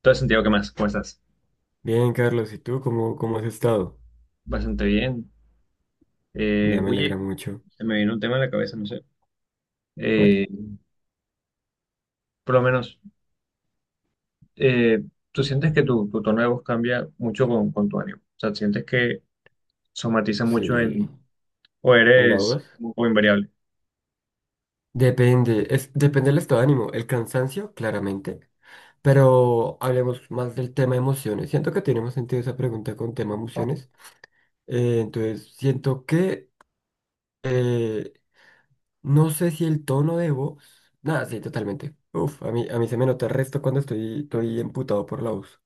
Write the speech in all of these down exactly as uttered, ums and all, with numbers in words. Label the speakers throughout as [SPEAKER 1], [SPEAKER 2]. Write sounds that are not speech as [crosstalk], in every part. [SPEAKER 1] Todo Santiago, ¿qué más? ¿Cómo estás?
[SPEAKER 2] Bien, Carlos, ¿y tú cómo, cómo has estado?
[SPEAKER 1] Bastante bien.
[SPEAKER 2] Nada,
[SPEAKER 1] Eh,
[SPEAKER 2] me
[SPEAKER 1] oye,
[SPEAKER 2] alegra mucho.
[SPEAKER 1] se me vino un tema en la cabeza, no sé.
[SPEAKER 2] ¿Cuál?
[SPEAKER 1] Eh, por lo menos, eh, ¿tú sientes que tu, tu tono de voz cambia mucho con, con tu ánimo? O sea, ¿sientes que somatiza mucho
[SPEAKER 2] Sí,
[SPEAKER 1] en, o
[SPEAKER 2] en la
[SPEAKER 1] eres
[SPEAKER 2] voz.
[SPEAKER 1] un poco invariable?
[SPEAKER 2] Depende, es, depende del estado de ánimo, el cansancio, claramente, pero hablemos más del tema emociones. Siento que tiene más sentido esa pregunta con tema emociones. Eh, entonces, siento que eh, no sé si el tono de voz. Nada, sí, totalmente. Uf, a mí, a mí se me nota el resto cuando estoy, estoy emputado por la voz.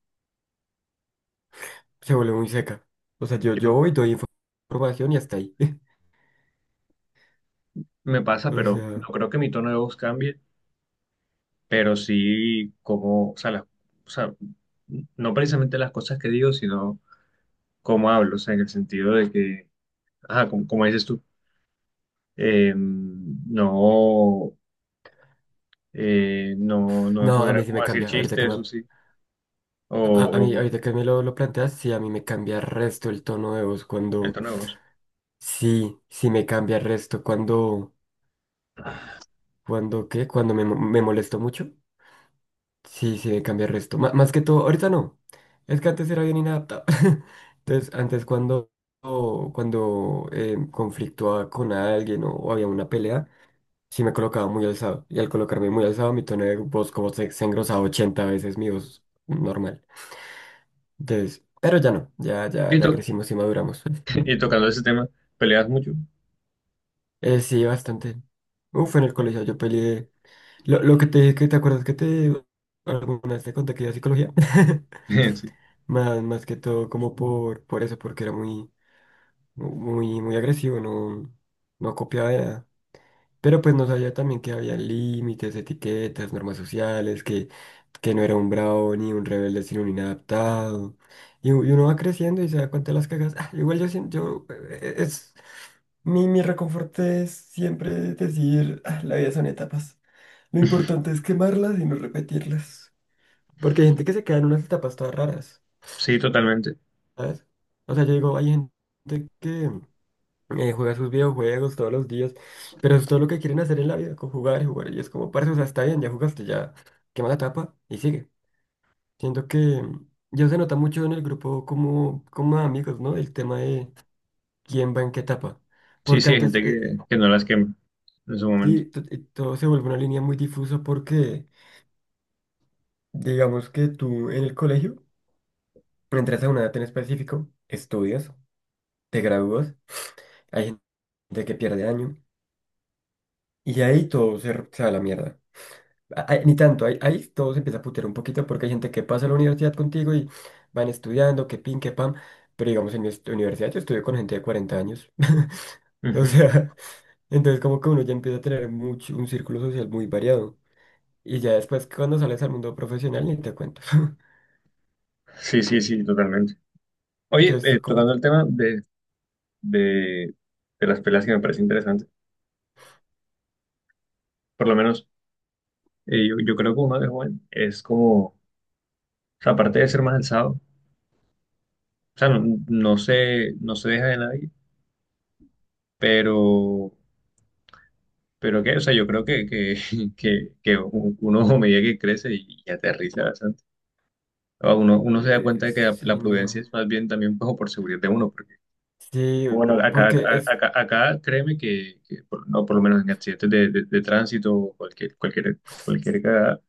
[SPEAKER 2] Se vuelve muy seca. O sea, yo, yo
[SPEAKER 1] Yo,
[SPEAKER 2] voy, doy información y hasta ahí. [laughs]
[SPEAKER 1] me pasa,
[SPEAKER 2] O
[SPEAKER 1] pero
[SPEAKER 2] sea.
[SPEAKER 1] no creo que mi tono de voz cambie, pero sí como, o sea, las- o sea, no precisamente las cosas que digo, sino cómo hablo, o sea, en el sentido de que, ajá, como, como dices tú, eh, no. eh, no, no me
[SPEAKER 2] No, a
[SPEAKER 1] pondrá
[SPEAKER 2] mí sí
[SPEAKER 1] como
[SPEAKER 2] me
[SPEAKER 1] a decir
[SPEAKER 2] cambia. Ahorita
[SPEAKER 1] chistes,
[SPEAKER 2] que me,
[SPEAKER 1] eso sí,
[SPEAKER 2] a, a mí,
[SPEAKER 1] o,
[SPEAKER 2] ahorita
[SPEAKER 1] o
[SPEAKER 2] que me lo, lo planteas, sí, a mí me cambia el resto el tono de voz
[SPEAKER 1] el
[SPEAKER 2] cuando,
[SPEAKER 1] tono de voz.
[SPEAKER 2] Sí, sí me cambia el resto cuando, cuando, ¿qué? Cuando me, mo- me molesto mucho. Sí, sí me cambia el resto. Ma- más que todo, ahorita no. Es que antes era bien inadaptado. [laughs] Entonces, antes cuando, o cuando eh, conflictuaba con alguien o, o había una pelea, sí me colocaba muy alzado. Y al colocarme muy alzado, mi tono de voz como se, se engrosaba ochenta veces mi voz normal. Entonces, pero ya no, ya, ya,
[SPEAKER 1] Y,
[SPEAKER 2] ya
[SPEAKER 1] to-
[SPEAKER 2] crecimos y maduramos. [laughs]
[SPEAKER 1] [laughs] y tocando ese tema, ¿peleas mucho?
[SPEAKER 2] Eh, sí, bastante. Uf, en el colegio yo peleé. Lo, lo que te dije, que te acuerdas que te alguna vez te conté que iba a psicología. [laughs]
[SPEAKER 1] [laughs]
[SPEAKER 2] Más, más que todo como por, por eso, porque era muy, muy, muy agresivo, no, no copiaba de nada. Pero pues no sabía también que había límites, etiquetas, normas sociales, que, que no era un bravo ni un rebelde, sino un inadaptado. Y, u- y uno va creciendo y se da cuenta de las cagas. Ah, igual yo siento, yo, eh, eh, es, mi, mi reconforte es siempre decir: "Ah, la vida son etapas. Lo importante es quemarlas y no repetirlas. Porque hay gente que se queda en unas etapas todas raras,
[SPEAKER 1] Sí, sí, totalmente.
[SPEAKER 2] ¿sabes?". O sea, yo digo, hay gente que eh, juega sus videojuegos todos los días, pero es todo lo que quieren hacer en la vida, con jugar y jugar. Y es como, parce, o sea, está bien, ya jugaste, ya quema la tapa y sigue. Siento que ya se nota mucho en el grupo como, como amigos, ¿no? El tema de quién va en qué etapa.
[SPEAKER 1] Sí,
[SPEAKER 2] Porque
[SPEAKER 1] sí, hay
[SPEAKER 2] antes,
[SPEAKER 1] gente que,
[SPEAKER 2] eh,
[SPEAKER 1] que no las quema en su momento.
[SPEAKER 2] sí, to- eh, todo se vuelve una línea muy difusa porque, digamos que tú en el colegio entras a una edad en específico, estudias, te gradúas, hay gente que pierde año y ahí todo se, r- se va a la mierda. Ahí- ni tanto, ahí, ahí todo se empieza a putear un poquito porque hay gente que pasa a la universidad contigo y van estudiando, que pin, que pam, pero digamos en mi est- universidad yo estudio con gente de cuarenta años, [laughs] o
[SPEAKER 1] Ujú.
[SPEAKER 2] sea, entonces como que uno ya empieza a tener mucho, un círculo social muy variado y ya después cuando sales al mundo profesional ni te cuento. [laughs]
[SPEAKER 1] Sí, sí, sí, totalmente. Oye,
[SPEAKER 2] Entonces
[SPEAKER 1] eh,
[SPEAKER 2] es como,
[SPEAKER 1] tocando el tema de, de, de las peleas que me parece interesante, por lo menos eh, yo, yo creo que uno de joven es como, o sea, aparte de ser más alzado, o sea, no, no se, no se deja de nadie, pero Pero que, o sea, yo creo que, que, [laughs] que, que uno [laughs] a medida que crece y, y aterriza bastante, o uno, uno se da
[SPEAKER 2] que, eh,
[SPEAKER 1] cuenta de que la, la
[SPEAKER 2] sí,
[SPEAKER 1] prudencia
[SPEAKER 2] no,
[SPEAKER 1] es más bien también como por seguridad de uno, porque,
[SPEAKER 2] sí,
[SPEAKER 1] bueno, acá,
[SPEAKER 2] porque
[SPEAKER 1] acá,
[SPEAKER 2] es,
[SPEAKER 1] acá, acá créeme que, que por- no, por lo menos en accidentes de, de, de tránsito o cualquier, cualquier, cualquier cagada,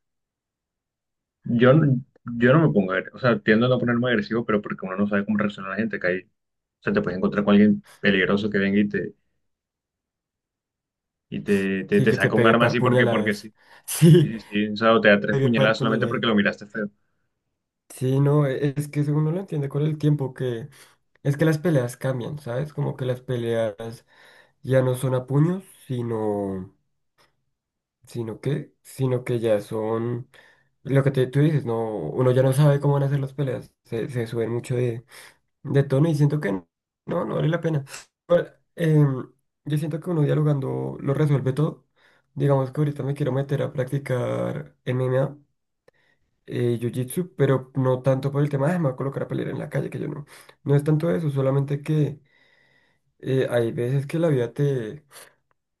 [SPEAKER 1] yo, no- yo no me pongo, agre- o sea, tiendo a no ponerme agresivo, pero porque uno no sabe cómo reacciona la gente, acá hay, o sea, te puedes encontrar con alguien peligroso que venga y te, y te, te,
[SPEAKER 2] sí
[SPEAKER 1] te
[SPEAKER 2] que te
[SPEAKER 1] saca un
[SPEAKER 2] pegué
[SPEAKER 1] arma
[SPEAKER 2] par
[SPEAKER 1] así porque, porque sí.
[SPEAKER 2] puñaladas, [laughs] sí,
[SPEAKER 1] Sí, sí, sí, o sea, o te da tres
[SPEAKER 2] pegué par
[SPEAKER 1] puñaladas solamente
[SPEAKER 2] puñaladas,
[SPEAKER 1] porque lo miraste feo.
[SPEAKER 2] sí, no, e- es que eso uno lo entiende con el tiempo. Es que las peleas cambian, ¿sabes? Como que las peleas ya no son a puños, sino, sino que, sino que ya son lo que te- tú dices, no, uno ya no sabe cómo van a ser las peleas, se, se suben mucho de, de tono y siento que no, no vale la pena. Pero, em, yo siento que uno dialogando lo resuelve todo. Digamos que ahorita me quiero meter a practicar M M A, eh, Jiu-Jitsu, pero no tanto por el tema de "Ah, me voy a colocar a pelear en la calle, que yo no". No es tanto eso, solamente que eh, hay veces que la vida te,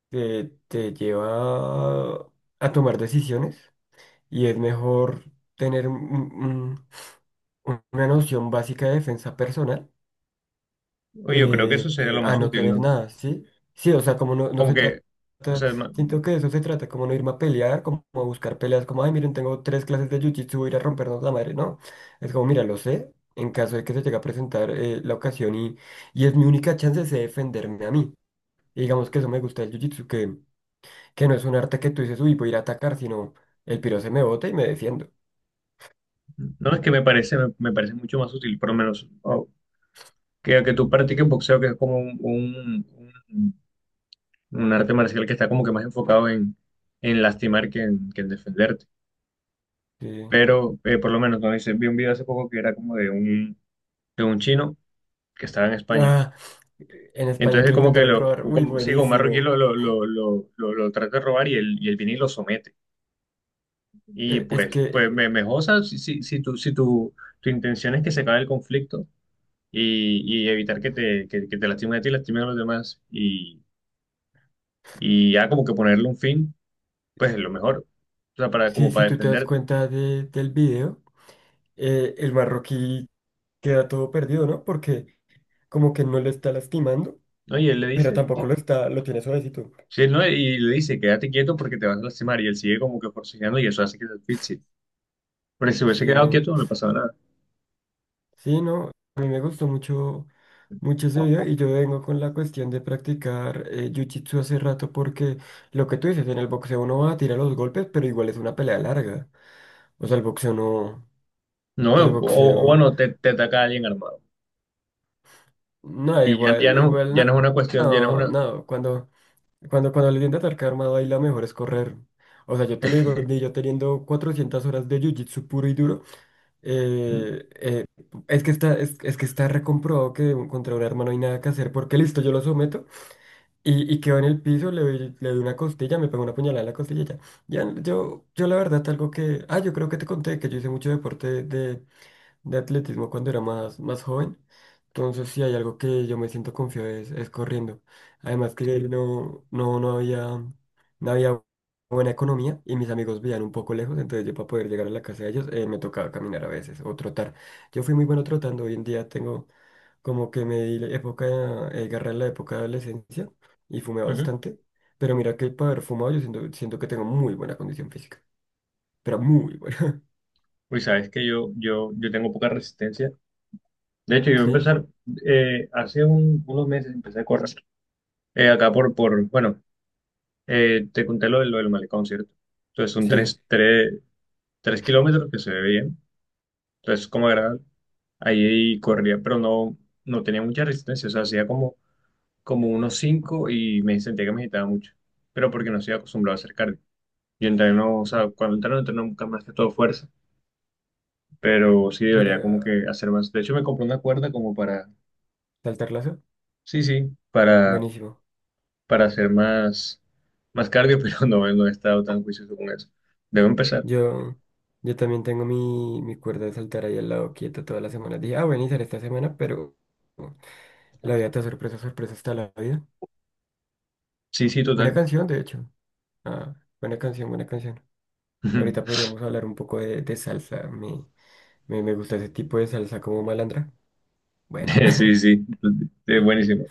[SPEAKER 2] te, te lleva a tomar decisiones y es mejor tener un- un- una noción básica de defensa personal
[SPEAKER 1] Oye, yo creo que eso
[SPEAKER 2] eh,
[SPEAKER 1] sería
[SPEAKER 2] eh,
[SPEAKER 1] lo
[SPEAKER 2] a
[SPEAKER 1] más
[SPEAKER 2] no
[SPEAKER 1] útil,
[SPEAKER 2] tener
[SPEAKER 1] ¿no?
[SPEAKER 2] nada, ¿sí? Sí, o sea, como no, no
[SPEAKER 1] Como
[SPEAKER 2] se
[SPEAKER 1] que,
[SPEAKER 2] trata,
[SPEAKER 1] o sea, no,
[SPEAKER 2] siento que de eso se trata, como no irme a pelear, como a buscar peleas, como, ay, miren, tengo tres clases de jiu-jitsu, voy a ir a rompernos la madre, no. Es como, mira, lo sé, en caso de que se llegue a presentar eh, la ocasión y, y es mi única chance de defenderme a mí. Y digamos que eso me gusta del jiu-jitsu, que, que no es un arte que tú dices, uy, voy a ir a atacar, sino el piro se me bota y me defiendo.
[SPEAKER 1] no es que me parece, me, me parece mucho más útil, por lo menos, o que, que tú practiques boxeo, que es como un, un- un- un arte marcial que está como que más enfocado en, en lastimar que en, que en defenderte.
[SPEAKER 2] Sí.
[SPEAKER 1] Pero, eh, por lo menos, no hice, vi un video hace poco que era como de un, de un chino que estaba en España.
[SPEAKER 2] Ah, en España
[SPEAKER 1] Entonces,
[SPEAKER 2] que lo
[SPEAKER 1] como que
[SPEAKER 2] intentaron
[SPEAKER 1] lo,
[SPEAKER 2] robar, uy,
[SPEAKER 1] como, sí, como un marroquí
[SPEAKER 2] buenísimo.
[SPEAKER 1] lo, lo, lo, lo, lo, lo trata de robar y él, y él viene y lo somete. Y
[SPEAKER 2] E- Es
[SPEAKER 1] pues, pues
[SPEAKER 2] que,
[SPEAKER 1] me, mejor, o sea, si, si, si, tu, si tu, tu intención es que se acabe el conflicto y, y evitar que te, que, que te lastimen a ti y lastimen a los demás y, y ya como que ponerle un fin, pues es lo mejor, o sea, para, como
[SPEAKER 2] sí, si
[SPEAKER 1] para
[SPEAKER 2] tú te das
[SPEAKER 1] defenderte,
[SPEAKER 2] cuenta de- del video, eh, el marroquí queda todo perdido, ¿no? Porque como que no le está lastimando,
[SPEAKER 1] ¿no? Y él le
[SPEAKER 2] pero
[SPEAKER 1] dice,
[SPEAKER 2] tampoco lo está, lo tiene suavecito.
[SPEAKER 1] sí, ¿no? Y le dice, quédate quieto porque te vas a lastimar y él sigue como que forcejeando y eso hace que te asfixie. Pero si se hubiese
[SPEAKER 2] Sí,
[SPEAKER 1] quedado
[SPEAKER 2] no.
[SPEAKER 1] quieto no le pasaba nada.
[SPEAKER 2] Sí, no, a mí me gustó mucho, mucho ese video y yo vengo con la cuestión de practicar eh, jiu-jitsu hace rato porque lo que tú dices, en el boxeo uno va a tirar los golpes, pero igual es una pelea larga. O sea, el boxeo no,
[SPEAKER 1] No,
[SPEAKER 2] el
[SPEAKER 1] o, o
[SPEAKER 2] boxeo,
[SPEAKER 1] bueno, te, te ataca alguien armado.
[SPEAKER 2] no,
[SPEAKER 1] Y ya, ya
[SPEAKER 2] igual,
[SPEAKER 1] no,
[SPEAKER 2] igual,
[SPEAKER 1] ya
[SPEAKER 2] no,
[SPEAKER 1] no es una cuestión, ya no
[SPEAKER 2] no,
[SPEAKER 1] es
[SPEAKER 2] no, cuando, cuando, cuando le tiende a atacar armado ahí la mejor es correr. O sea, yo te lo digo, ni yo teniendo cuatrocientas horas de jiu-jitsu puro y duro.
[SPEAKER 1] una...
[SPEAKER 2] Eh, eh, es que está, es, es que está recomprobado que un- contra un arma no hay nada que hacer, porque listo, yo lo someto y, y quedo en el piso, le doy, le doy una costilla, me pego una puñalada en la costilla y ya. Ya, yo, yo la verdad, algo que... Ah, yo creo que te conté que yo hice mucho deporte de, de atletismo cuando era más, más joven. Entonces, si hay algo que yo me siento confiado es, es corriendo. Además que no, no, no había, no había buena economía y mis amigos vivían un poco lejos, entonces yo para poder llegar a la casa de ellos eh, me tocaba caminar a veces o trotar. Yo fui muy bueno trotando, hoy en día tengo como que me di la época, eh, garra en la época de adolescencia y fumé
[SPEAKER 1] Ujú.
[SPEAKER 2] bastante. Pero mira que para haber fumado yo siento, siento que tengo muy buena condición física, pero muy buena. [laughs]
[SPEAKER 1] Uy, sabes que yo, yo, yo tengo poca resistencia. De hecho, yo voy a
[SPEAKER 2] Sí,
[SPEAKER 1] empezar, eh, hace un- unos meses empecé a correr. Eh, acá por, por, bueno, eh, te conté lo, de- lo del malecón, ¿cierto? Entonces son
[SPEAKER 2] sí.
[SPEAKER 1] tres, tres, tres kilómetros que se ve bien. Entonces, como agradable. Ahí corría, pero no, no tenía mucha resistencia. O sea, hacía como, como unos cinco y me sentía que me agitaba mucho. Pero porque no estoy acostumbrado a hacer cardio. Yo entreno, o sea, cuando entreno, entreno nunca más que todo fuerza. Pero sí debería como
[SPEAKER 2] Mira,
[SPEAKER 1] que hacer más. De hecho, me compré una cuerda como para
[SPEAKER 2] saltar lazo.
[SPEAKER 1] sí, sí, para,
[SPEAKER 2] Buenísimo.
[SPEAKER 1] para hacer más, más cardio, [laughs] pero no, no he estado tan juicioso con eso. Debo empezar.
[SPEAKER 2] Yo, yo también tengo mi, mi cuerda de saltar ahí al lado quieta toda la semana. Dije, ah, voy a iniciar esta semana, pero la vida te da sorpresa, sorpresa está la vida.
[SPEAKER 1] Sí, sí,
[SPEAKER 2] Buena
[SPEAKER 1] total.
[SPEAKER 2] canción, de hecho. Ah, buena canción, buena canción. Ahorita
[SPEAKER 1] [laughs]
[SPEAKER 2] podríamos hablar un poco de, de salsa. Me, me, me gusta ese tipo de salsa como malandra. Bueno.
[SPEAKER 1] Eh, Sí, sí, es buenísimo.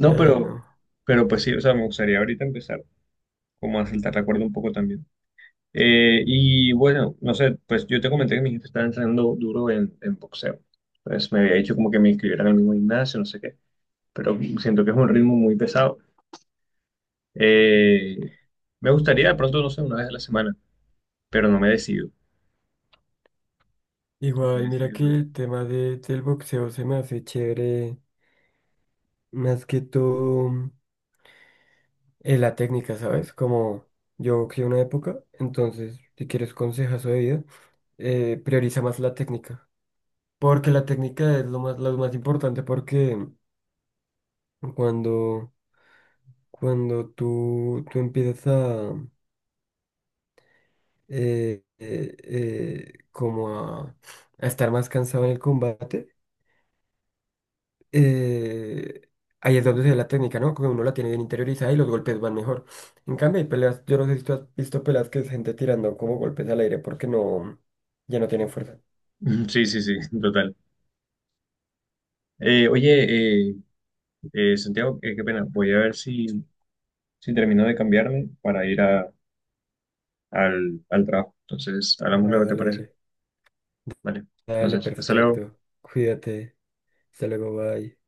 [SPEAKER 2] [laughs] Ay,
[SPEAKER 1] pero,
[SPEAKER 2] no.
[SPEAKER 1] pero pues sí, o sea, me gustaría ahorita empezar como a saltar la cuerda un poco también. Eh, y bueno, no sé, pues yo te comenté que mi jefe estaba entrenando duro en, en boxeo. Pues me había dicho como que me inscribieran al mismo gimnasio, no sé qué, pero siento que es un ritmo muy pesado. Eh, Me gustaría de pronto, no sé, una vez a la semana, pero no me decido.
[SPEAKER 2] Igual,
[SPEAKER 1] Me
[SPEAKER 2] mira que
[SPEAKER 1] sirve.
[SPEAKER 2] el tema de, del boxeo se me hace chévere. Más que todo. eh, la técnica, ¿sabes? Como yo que una época, entonces, si quieres consejazo de vida, eh, prioriza más la técnica. Porque la técnica es lo más, lo más importante, porque cuando, cuando tú, tú empiezas a, eh, eh, eh, como a, a estar más cansado en el combate, eh, ahí es donde se ve la técnica, ¿no? Como uno la tiene bien interiorizada y los golpes van mejor. En cambio, hay peleas, yo no sé si tú has visto peleas que es gente tirando como golpes al aire porque no, ya no tienen fuerza.
[SPEAKER 1] [laughs] Sí, sí, sí, total. Eh, oye, eh, eh, Santiago, eh, qué pena. Voy a ver si, si termino de cambiarme para ir a, al, al trabajo. Entonces, hablamos
[SPEAKER 2] Ah,
[SPEAKER 1] luego, ¿te
[SPEAKER 2] dale,
[SPEAKER 1] parece?
[SPEAKER 2] dale.
[SPEAKER 1] Vale.
[SPEAKER 2] Dale,
[SPEAKER 1] Entonces, hasta luego.
[SPEAKER 2] perfecto. Cuídate. Hasta luego, bye.